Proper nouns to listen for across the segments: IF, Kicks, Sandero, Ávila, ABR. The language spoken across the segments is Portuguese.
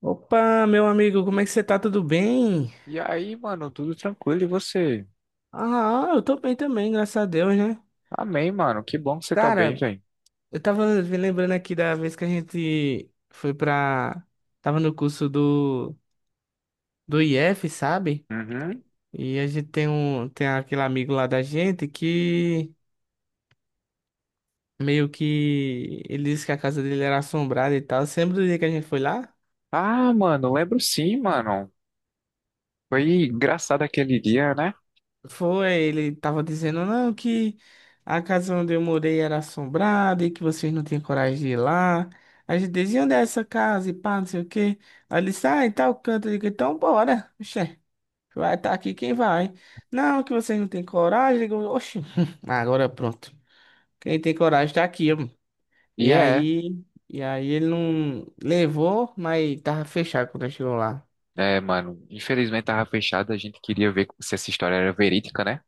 Opa, meu amigo, como é que você tá? Tudo bem? E aí, mano, tudo tranquilo e você? Ah, eu tô bem também, graças a Deus, né? Amém, mano. Que bom que você tá bem, Cara, velho. eu tava me lembrando aqui da vez que a gente foi pra. Tava no curso do IF, sabe? Uhum. E a gente tem um. Tem aquele amigo lá da gente que meio que ele disse que a casa dele era assombrada e tal. Você lembra do dia que a gente foi lá? Ah, mano, lembro sim, mano. Foi engraçado aquele dia, né? Foi, ele tava dizendo, não, que a casa onde eu morei era assombrada e que vocês não tinham coragem de ir lá. A gente dizia, onde é essa casa e pá, não sei o quê. Aí ele disse, ah, em tal canto. Eu digo, então bora, oxê, vai estar aqui quem vai. Não, que vocês não têm coragem. Eu digo, oxi, agora pronto. Quem tem coragem tá aqui, homem. E E é, aí, e aí, ele não levou, mas tava fechado quando eu chegou lá. é, mano. Infelizmente tava fechado, a gente queria ver se essa história era verídica, né?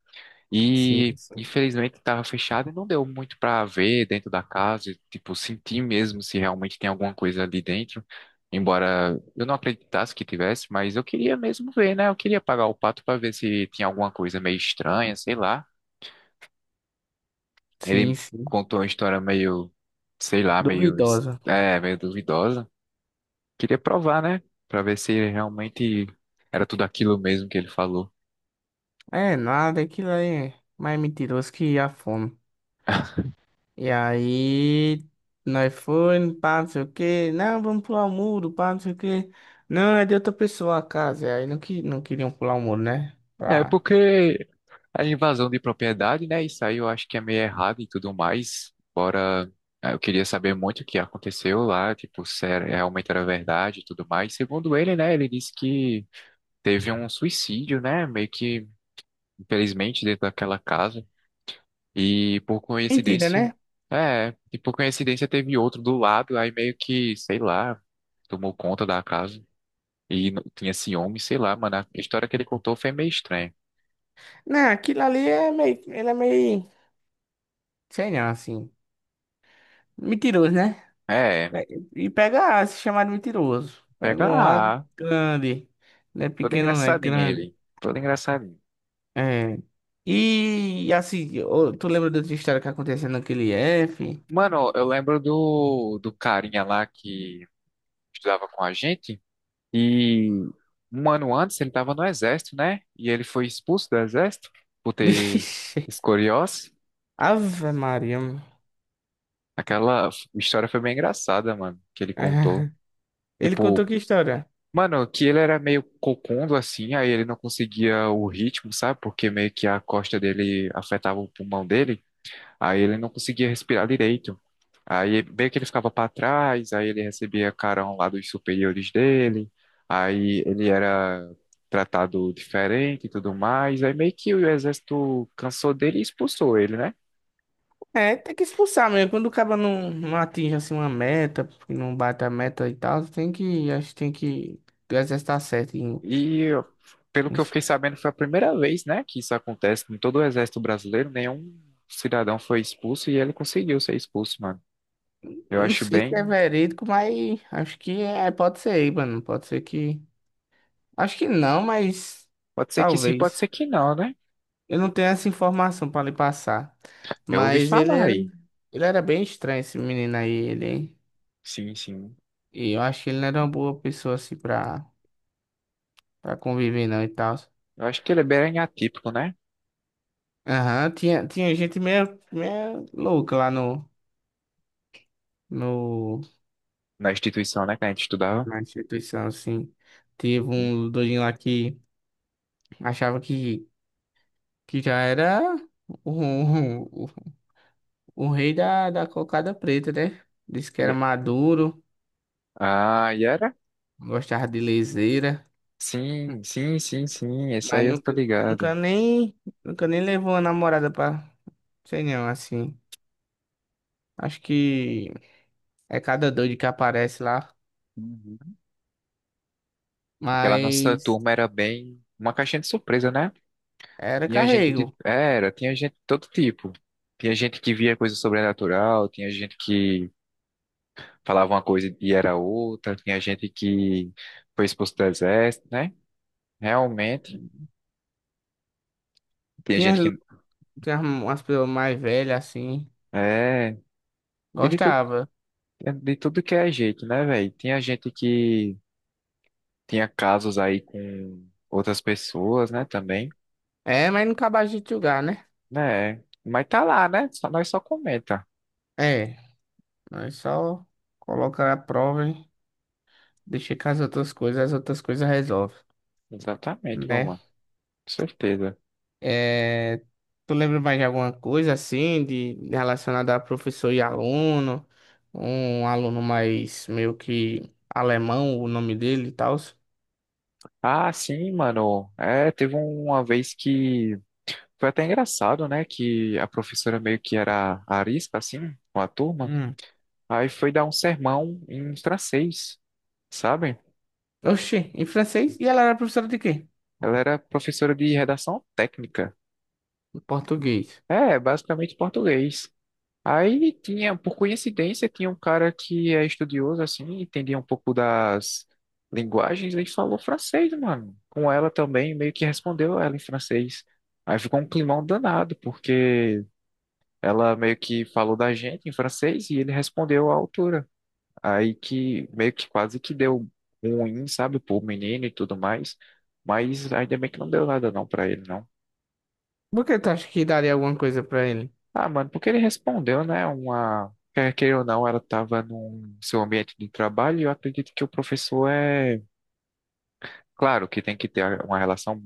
Sim, E sim, infelizmente estava fechado e não deu muito para ver dentro da casa, e, tipo, sentir mesmo se realmente tem alguma coisa ali dentro. Embora eu não acreditasse que tivesse, mas eu queria mesmo ver, né? Eu queria pagar o pato para ver se tinha alguma coisa meio estranha, sei lá. sim, Ele sim. contou uma história meio, sei lá, meio, es- Duvidosa. é, meio duvidosa. Queria provar, né? Para ver se realmente era tudo aquilo mesmo que ele falou. É nada, aquilo aí é mais mentiroso que a fome. E aí, nós foi, pá, não sei o quê. Não, vamos pular o muro, pá, não sei o quê. Não, é de outra pessoa a casa. E aí não, que, não queriam pular o muro, né? É, Pá. porque a invasão de propriedade, né? Isso aí eu acho que é meio errado e tudo mais. Bora, eu queria saber muito o que aconteceu lá, tipo, se era- realmente era verdade e tudo mais. Segundo ele, né? Ele disse que teve um suicídio, né? Meio que, infelizmente, dentro daquela casa. E por Mentira, coincidência, né? é, e por coincidência teve outro do lado, aí meio que, sei lá, tomou conta da casa. Tinha ciúme, sei lá, mano. A história que ele contou foi meio estranha. Não, aquilo ali é meio. Ele é meio. Sei não, assim. Mentiroso, né? É, É. E pega A, se chamar de mentiroso. Pega pega. um A grande. Não é Todo pequeno, não é engraçadinho grande. ele. Todo engraçadinho. É. E assim, ô, tu lembra da outra história que aconteceu naquele F? Mano, eu lembro do carinha lá que estudava com a gente. E um ano antes ele tava no exército, né? E ele foi expulso do exército por ter Vixe. escoliose. Ave Maria. mano. Aquela história foi bem engraçada, mano, que ele contou. É. Ele contou Tipo, que história? mano, que ele era meio cocundo assim, aí ele não conseguia o ritmo, sabe? Porque meio que a costa dele afetava o pulmão dele. Aí ele não conseguia respirar direito. Aí meio que ele ficava para trás, aí ele recebia carão lá dos superiores dele, aí ele era tratado diferente e tudo mais, aí meio que o exército cansou dele e expulsou ele, né? É, tem que expulsar mesmo. Quando o cara não, não atinge assim uma meta, porque não bate a meta e tal, tem que, acho que tem que, o exército tá certo em, E pelo em que eu fiquei expulsar. sabendo, foi a primeira vez, né, que isso acontece em todo o exército brasileiro, nenhum cidadão foi expulso e ele conseguiu ser expulso, mano. Eu Não acho sei se é bem, verídico, mas acho que é, pode ser aí, mano. Pode ser que, acho que não, mas pode ser que sim, pode talvez. ser que não, né? Eu não tenho essa informação pra lhe passar. Eu ouvi Mas falar aí. ele era bem estranho, esse menino aí, ele. Hein. Sim, sim. E eu acho que ele não era uma boa pessoa assim pra, pra conviver, não e tal. Eu acho que ele é bem atípico, né? Aham, tinha, tinha gente meio, meio louca lá no, no, Na instituição, né, que a gente estudava. na instituição, assim. Teve Hum? um doidinho lá que achava que já era o, o, o rei da, da cocada preta, né? Disse que era Ye- maduro, Ah, Yara? gostava de leseira. Sim, sim, sim, sim. Esse Mas aí eu tô nunca, ligado. nunca nem, nunca nem levou uma namorada pra, sei não, assim. Acho que é cada doido que aparece lá. Uhum. Aquela nossa Mas turma era bem uma caixinha de surpresa, né? era Tinha gente de. carrego. Era, tinha gente de todo tipo. Tinha gente que via coisa sobrenatural, tinha gente que falava uma coisa e era outra, tinha gente que foi expulso do exército, né? Realmente. Tinha Tinha, gente que. tinha umas pessoas mais velhas, assim. É, tinha. Gostava. De tudo que é jeito, né, velho? Tinha gente que. Tinha casos aí com outras pessoas, né, também, É, mas não acabava de julgar, né? né? Mas tá lá, né? Só, nós só comenta. É, nós só colocar a prova, hein? Deixa com as outras coisas resolvem, Exatamente, meu né? mano. Com certeza. É, tu lembra mais de alguma coisa assim, de relacionada a professor e aluno? Um aluno mais meio que alemão, o nome dele e tal. Ah, sim, mano. É, teve uma vez que foi até engraçado, né? Que a professora meio que era arisca, assim, com a turma. Hum. Aí foi dar um sermão em francês, sabe? Oxi, em francês? E ela era professora de quê? Ela era professora de redação técnica. Em português. É, basicamente português. Aí tinha, por coincidência, tinha um cara que é estudioso, assim, entendia um pouco das linguagens, ele falou francês, mano. Com ela também, meio que respondeu ela em francês. Aí ficou um climão danado, porque ela meio que falou da gente em francês e ele respondeu à altura. Aí que meio que quase que deu ruim, sabe, pro menino e tudo mais. Mas ainda bem que não deu nada não pra ele, não. Por que tu acha que daria alguma coisa pra ele? Ah, mano, porque ele respondeu, né? Uma. Quer queira ou não, ela estava no seu ambiente de trabalho e eu acredito que o professor é. Claro que tem que ter uma relação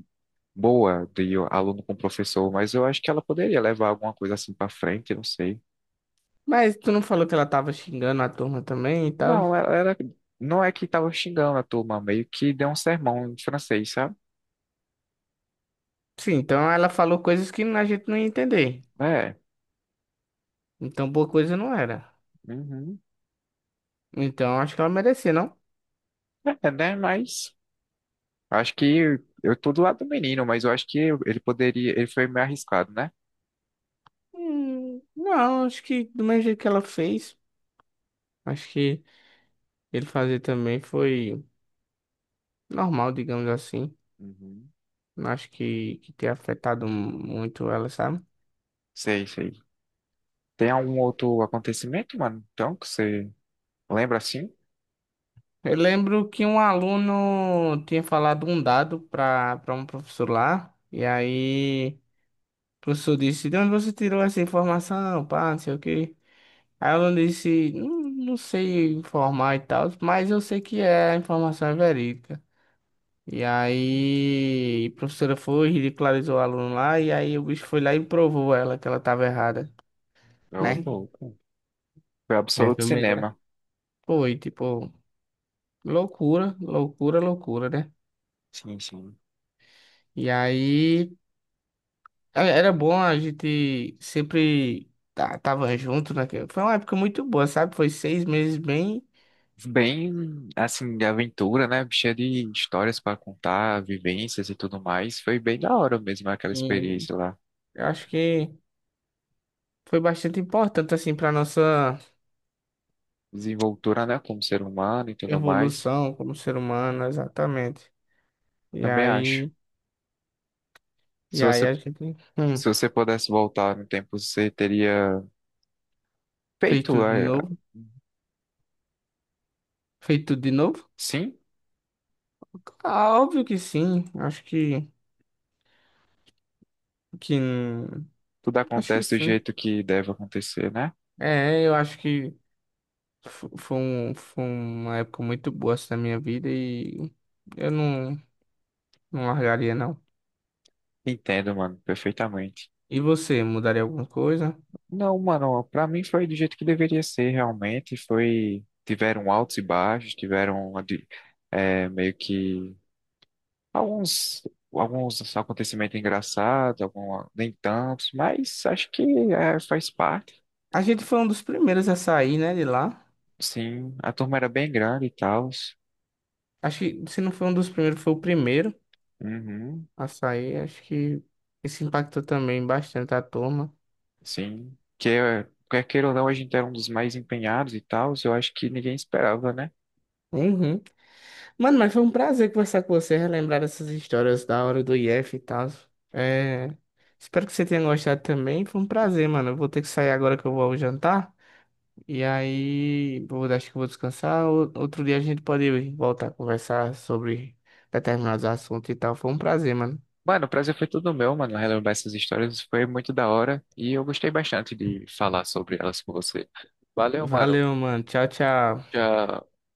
boa de aluno com professor, mas eu acho que ela poderia levar alguma coisa assim pra frente, não sei. Mas tu não falou que ela tava xingando a turma também e tal? Não, ela não é que tava xingando a turma, meio que deu um sermão em francês, sabe? Sim, então ela falou coisas que a gente não ia entender. É, Então boa coisa não era. uhum. Então acho que ela merecia, não? É, né? Mas acho que eu tô do lado do menino, mas eu acho que ele poderia. Ele foi meio arriscado, né? Não, acho que do mesmo jeito que ela fez. Acho que ele fazer também foi normal, digamos assim. Uhum. Não acho que tenha afetado muito ela, sabe? Sei, sei. Tem algum outro acontecimento, mano? Então, que você lembra assim? Eu lembro que um aluno tinha falado um dado para um professor lá, e aí o professor disse, de onde você tirou essa informação, pá, não sei o quê. Aí o aluno disse, não, não sei informar e tal, mas eu sei que é, a informação é verídica. E aí a professora foi, ridicularizou o aluno lá, e aí o bicho foi lá e provou ela que ela estava errada. Eu Né? louco. Foi É absoluto filme bem gra- cinema. Foi, tipo, loucura, loucura, loucura, né? Sim, sim. E aí, é- era bom a gente sempre tá- tava junto, né? Que foi uma época muito boa, sabe? Foi seis meses bem... Bem, assim, de aventura, né? Cheia de histórias pra contar, vivências e tudo mais. Foi bem da hora mesmo aquela E experiência lá. eu acho que foi bastante importante, assim, pra nossa Desenvoltura, né? Como ser humano e tudo mais. evolução como ser humano, exatamente. E Também acho. aí, Se você, a gente se você pudesse voltar no tempo, você teria fez feito, tudo de novo. Fez tudo de novo? sim? Ah, óbvio que sim. Acho que... Tudo Acho que acontece do sim. jeito que deve acontecer, né? É, eu acho que fo- foi, um, foi uma época muito boa assim, na minha vida e eu não, não largaria, não. Entendo, mano, perfeitamente. E você, mudaria alguma coisa? Não, mano, pra mim foi do jeito que deveria ser, realmente. Foi, tiveram altos e baixos, é, meio que alguns, alguns acontecimentos engraçados, algum, nem tantos, mas acho que é, faz parte. A gente foi um dos primeiros a sair, né, de lá. Sim, a turma era bem grande e tal. Acho que se não foi um dos primeiros, foi o primeiro Uhum, a sair. Acho que isso impactou também bastante a turma. sim. Quer queira ou não, a gente era um dos mais empenhados e tal. Eu acho que ninguém esperava, né? Uhum. Mano, mas foi um prazer conversar com você, relembrar essas histórias da hora do IF e tal. É... Espero que você tenha gostado também. Foi um prazer, mano. Eu vou ter que sair agora que eu vou ao jantar. E aí, vou, acho que vou descansar. Ou- Outro dia a gente pode voltar a conversar sobre determinados assuntos e tal. Foi um prazer, mano. Mano, o prazer foi todo meu, mano. Relembrar essas histórias foi muito da hora e eu gostei bastante de falar sobre elas com você. Valeu, mano. Valeu, mano. Tchau, tchau. Já